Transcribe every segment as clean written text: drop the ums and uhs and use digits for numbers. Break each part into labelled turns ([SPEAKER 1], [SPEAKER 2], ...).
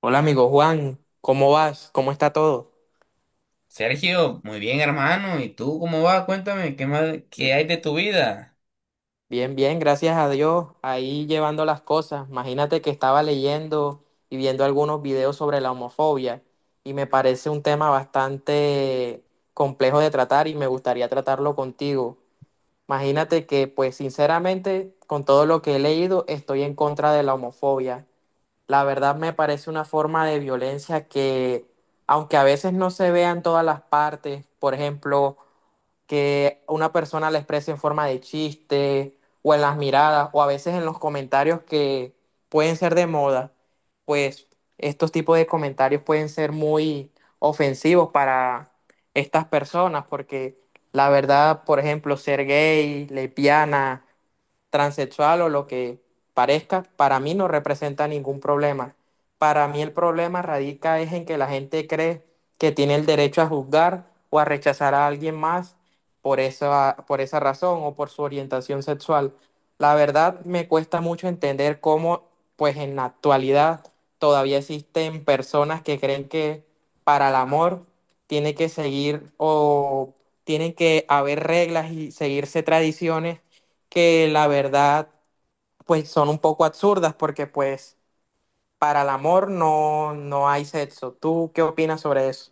[SPEAKER 1] Hola amigo Juan, ¿cómo vas? ¿Cómo está todo?
[SPEAKER 2] Sergio, muy bien, hermano. ¿Y tú cómo vas? Cuéntame, ¿qué más, qué
[SPEAKER 1] Bi-
[SPEAKER 2] hay de tu vida?
[SPEAKER 1] Bien, bien, gracias a Dios. Ahí llevando las cosas. Imagínate que estaba leyendo y viendo algunos videos sobre la homofobia y me parece un tema bastante complejo de tratar y me gustaría tratarlo contigo. Imagínate que, pues sinceramente, con todo lo que he leído, estoy en contra de la homofobia. La verdad me parece una forma de violencia que, aunque a veces no se vea en todas las partes, por ejemplo, que una persona la exprese en forma de chiste o en las miradas o a veces en los comentarios que pueden ser de moda, pues estos tipos de comentarios pueden ser muy ofensivos para estas personas porque la verdad, por ejemplo, ser gay, lesbiana, transexual o lo que parezca, para mí no representa ningún problema. Para mí el problema radica es en que la gente cree que tiene el derecho a juzgar o a rechazar a alguien más por esa razón o por su orientación sexual. La verdad me cuesta mucho entender cómo, pues en la actualidad, todavía existen personas que creen que para el amor tiene que seguir o tienen que haber reglas y seguirse tradiciones que la verdad pues son un poco absurdas porque pues para el amor no, no hay sexo. ¿Tú qué opinas sobre eso?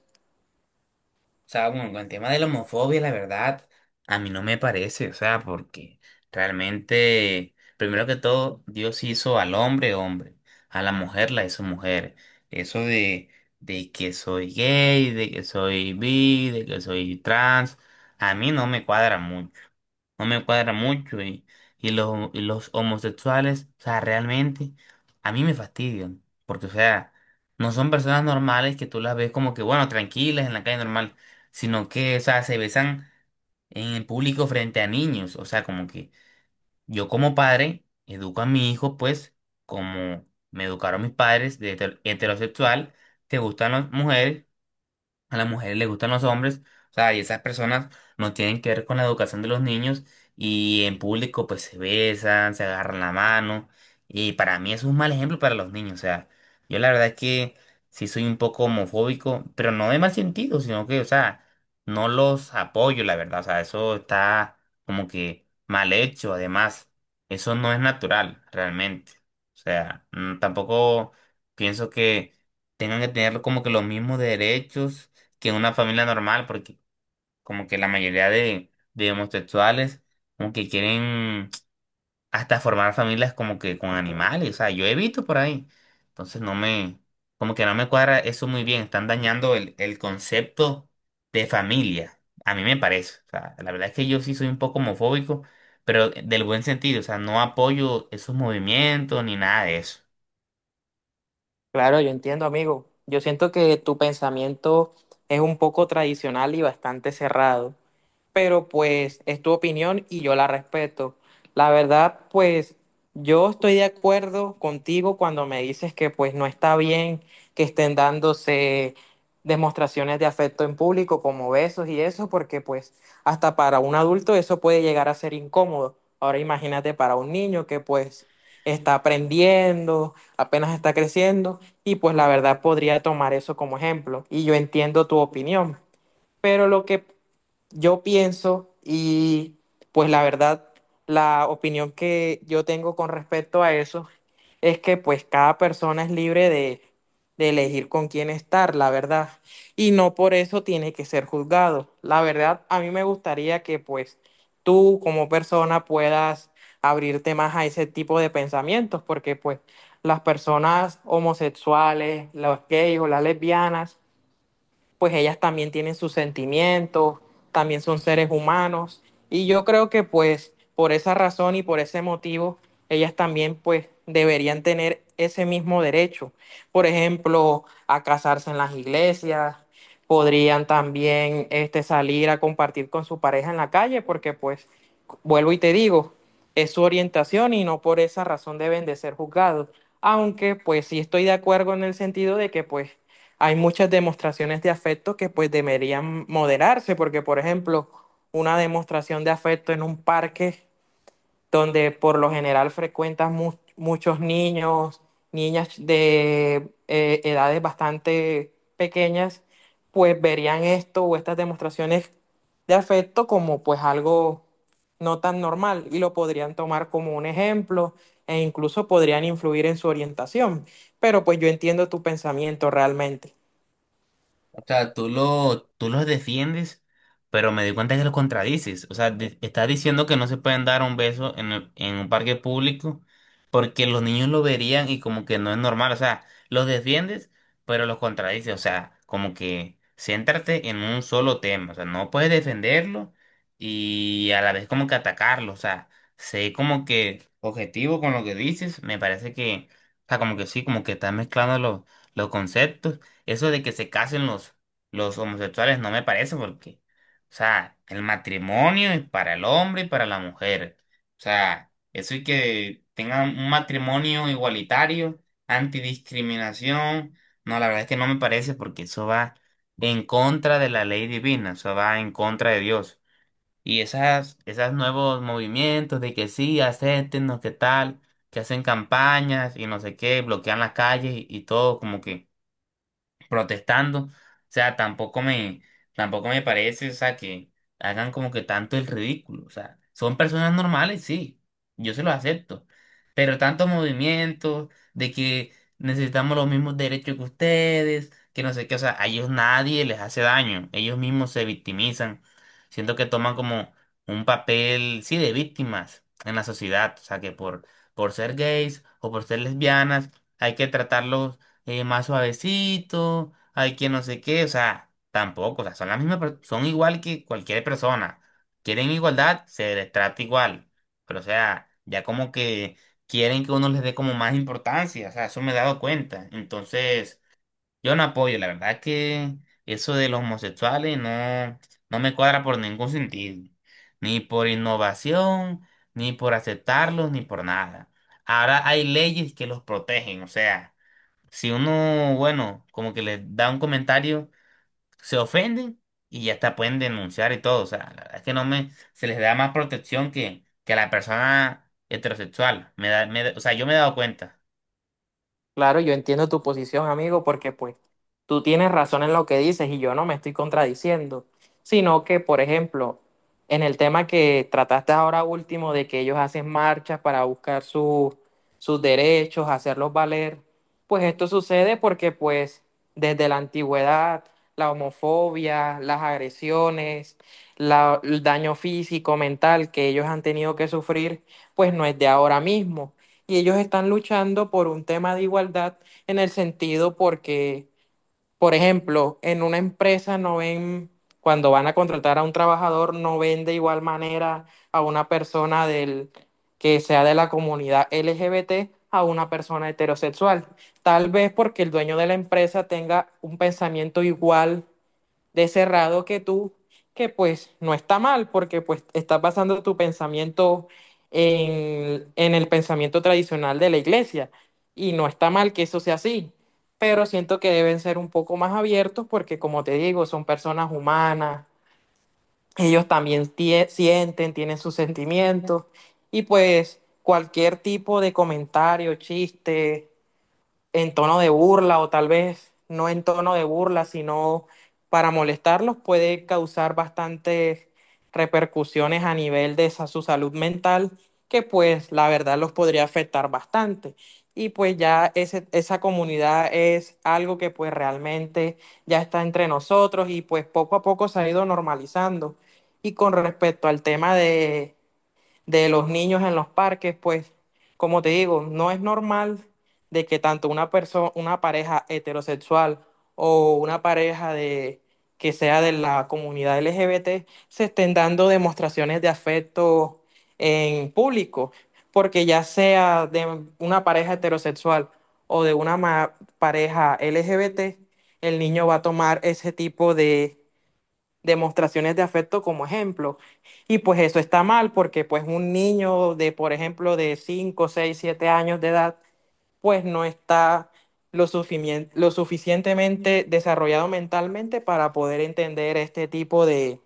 [SPEAKER 2] O sea, bueno, con el tema de la homofobia, la verdad, a mí no me parece, o sea, porque realmente, primero que todo, Dios hizo al hombre hombre, a la mujer la hizo mujer. Eso de que soy gay, de que soy bi, de que soy trans, a mí no me cuadra mucho no me cuadra mucho y los homosexuales, o sea, realmente a mí me fastidian, porque, o sea, no son personas normales que tú las ves como que, bueno, tranquilas en la calle normal sino que, o sea, se besan en el público frente a niños. O sea, como que yo como padre educo a mi hijo, pues, como me educaron mis padres de heterosexual, te gustan las mujeres a las mujeres les gustan los hombres, o sea, y esas personas no tienen que ver con la educación de los niños y en público pues se besan, se agarran la mano y para mí es un mal ejemplo para los niños, o sea, yo la verdad es que sí soy un poco homofóbico, pero no de mal sentido, sino que, o sea, no los apoyo, la verdad, o sea, eso está como que mal hecho, además, eso no es natural realmente, o sea, tampoco pienso que tengan que tener como que los mismos derechos que en una familia normal, porque como que la mayoría de homosexuales como que quieren hasta formar familias como que con animales, o sea, yo he visto por ahí. Entonces no me, como que no me cuadra eso muy bien, están dañando el concepto de familia, a mí me parece. O sea, la verdad es que yo sí soy un poco homofóbico, pero del buen sentido, o sea, no apoyo esos movimientos ni nada de eso.
[SPEAKER 1] Claro, yo entiendo, amigo. Yo siento que tu pensamiento es un poco tradicional y bastante cerrado, pero pues es tu opinión y yo la respeto. La verdad, pues yo estoy de acuerdo contigo cuando me dices que pues no está bien que estén dándose demostraciones de afecto en público como besos y eso, porque pues hasta para un adulto eso puede llegar a ser incómodo. Ahora imagínate para un niño que pues está aprendiendo, apenas está creciendo y pues la verdad podría tomar eso como ejemplo. Y yo entiendo tu opinión. Pero lo que yo pienso y pues la verdad, la opinión que yo tengo con respecto a eso es que pues cada persona es libre de elegir con quién estar, la verdad. Y no por eso tiene que ser juzgado. La verdad, a mí me gustaría que pues tú como persona puedas abrirte más a ese tipo de pensamientos, porque pues las personas homosexuales, los gays o las lesbianas, pues ellas también tienen sus sentimientos, también son seres humanos y yo creo que pues por esa razón y por ese motivo ellas también pues deberían tener ese mismo derecho. Por ejemplo, a casarse en las iglesias, podrían también este, salir a compartir con su pareja en la calle porque pues vuelvo y te digo, es su orientación y no por esa razón deben de ser juzgados. Aunque pues sí estoy de acuerdo en el sentido de que pues hay muchas demostraciones de afecto que pues deberían moderarse, porque por ejemplo, una demostración de afecto en un parque donde por lo general frecuentas muchos niños, niñas de edades bastante pequeñas, pues verían esto o estas demostraciones de afecto como pues algo no tan normal y lo podrían tomar como un ejemplo e incluso podrían influir en su orientación. Pero pues yo entiendo tu pensamiento realmente.
[SPEAKER 2] O sea, tú lo, tú los defiendes, pero me di cuenta que los contradices. O sea, estás diciendo que no se pueden dar un beso en un parque público porque los niños lo verían y como que no es normal. O sea, los defiendes, pero los contradices. O sea, como que céntrate en un solo tema. O sea, no puedes defenderlo y a la vez como que atacarlo. O sea, sé como que objetivo con lo que dices. Me parece que, o sea, como que sí, como que estás mezclando los conceptos. Eso de que se casen los homosexuales no me parece porque, o sea, el matrimonio es para el hombre y para la mujer. O sea, eso y que tengan un matrimonio igualitario, antidiscriminación, no, la verdad es que no me parece porque eso va en contra de la ley divina, eso va en contra de Dios. Y esas, esos nuevos movimientos de que sí, acéptenos, qué tal, que hacen campañas y no sé qué, bloquean las calles y todo como que protestando. O sea, tampoco me parece, o sea, que hagan como que tanto el ridículo. O sea, son personas normales, sí, yo se los acepto. Pero tantos movimientos de que necesitamos los mismos derechos que ustedes, que no sé qué, o sea, a ellos nadie les hace daño, ellos mismos se victimizan. Siento que toman como un papel, sí, de víctimas en la sociedad, o sea, que por ser gays o por ser lesbianas hay que tratarlos más suavecito, hay que no sé qué, o sea, tampoco, o sea, son las mismas, son igual que cualquier persona. Quieren igualdad, se les trata igual, pero o sea, ya como que quieren que uno les dé como más importancia, o sea, eso me he dado cuenta. Entonces, yo no apoyo, la verdad que eso de los homosexuales no, no me cuadra por ningún sentido, ni por innovación, ni por aceptarlos, ni por nada. Ahora hay leyes que los protegen, o sea. Si uno, bueno, como que le da un comentario, se ofenden y ya hasta pueden denunciar y todo. O sea, la verdad es que no me, se les da más protección que a la persona heterosexual. O sea, yo me he dado cuenta.
[SPEAKER 1] Claro, yo entiendo tu posición, amigo, porque pues tú tienes razón en lo que dices y yo no me estoy contradiciendo, sino que, por ejemplo, en el tema que trataste ahora último de que ellos hacen marchas para buscar sus derechos, hacerlos valer, pues esto sucede porque pues desde la antigüedad la homofobia, las agresiones, el daño físico, mental que ellos han tenido que sufrir, pues no es de ahora mismo y ellos están luchando por un tema de igualdad en el sentido porque, por ejemplo, en una empresa no ven, cuando van a contratar a un trabajador, no ven de igual manera a una persona del, que sea de la comunidad LGBT a una persona heterosexual. Tal vez porque el dueño de la empresa tenga un pensamiento igual de cerrado que tú, que pues no está mal, porque pues estás basando tu pensamiento en el pensamiento tradicional de la iglesia, y no está mal que eso sea así, pero siento que deben ser un poco más abiertos porque como te digo, son personas humanas, ellos también sienten, tienen sus sentimientos, y pues cualquier tipo de comentario, chiste en tono de burla o tal vez no en tono de burla, sino para molestarlos, puede causar bastantes repercusiones a nivel de esa, su salud mental, que pues la verdad los podría afectar bastante. Y pues ya esa comunidad es algo que pues realmente ya está entre nosotros y pues poco a poco se ha ido normalizando. Y con respecto al tema de los niños en los parques, pues como te digo, no es normal de que tanto una persona, una pareja heterosexual o una pareja de que sea de la comunidad LGBT se estén dando demostraciones de afecto en público, porque ya sea de una pareja heterosexual o de una pareja LGBT, el niño va a tomar ese tipo de demostraciones de afecto como ejemplo. Y pues eso está mal porque pues un niño de, por ejemplo, de 5 6 7 años de edad, pues no está lo, lo suficientemente desarrollado mentalmente para poder entender este tipo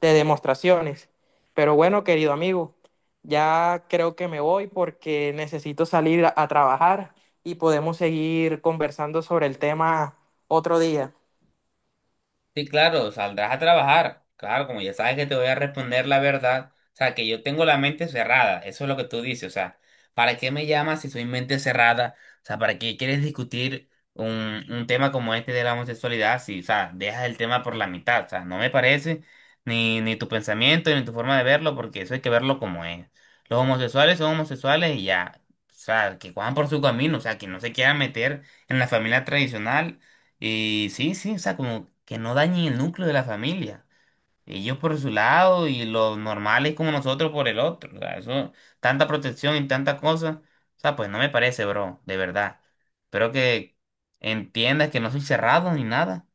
[SPEAKER 1] de demostraciones. Pero bueno, querido amigo, ya creo que me voy porque necesito salir a trabajar y podemos seguir conversando sobre el tema otro día.
[SPEAKER 2] Sí, claro, saldrás a trabajar. Claro, como ya sabes que te voy a responder la verdad, o sea, que yo tengo la mente cerrada, eso es lo que tú dices, o sea, ¿para qué me llamas si soy mente cerrada? O sea, ¿para qué quieres discutir un tema como este de la homosexualidad si, o sea, dejas el tema por la mitad? O sea, no me parece ni tu pensamiento ni tu forma de verlo, porque eso hay que verlo como es. Los homosexuales son homosexuales y ya, o sea, que cojan por su camino, o sea, que no se quieran meter en la familia tradicional y sí, sí, o sea, como que no dañen el núcleo de la familia. Ellos por su lado y los normales como nosotros por el otro. O sea, eso, tanta protección y tanta cosa. O sea, pues no me parece, bro, de verdad. Espero que entiendas que no soy cerrado ni nada.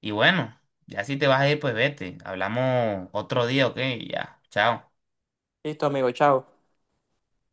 [SPEAKER 2] Y bueno, ya si te vas a ir, pues vete. Hablamos otro día, ¿ok? Ya, chao.
[SPEAKER 1] Listo, amigo, chao.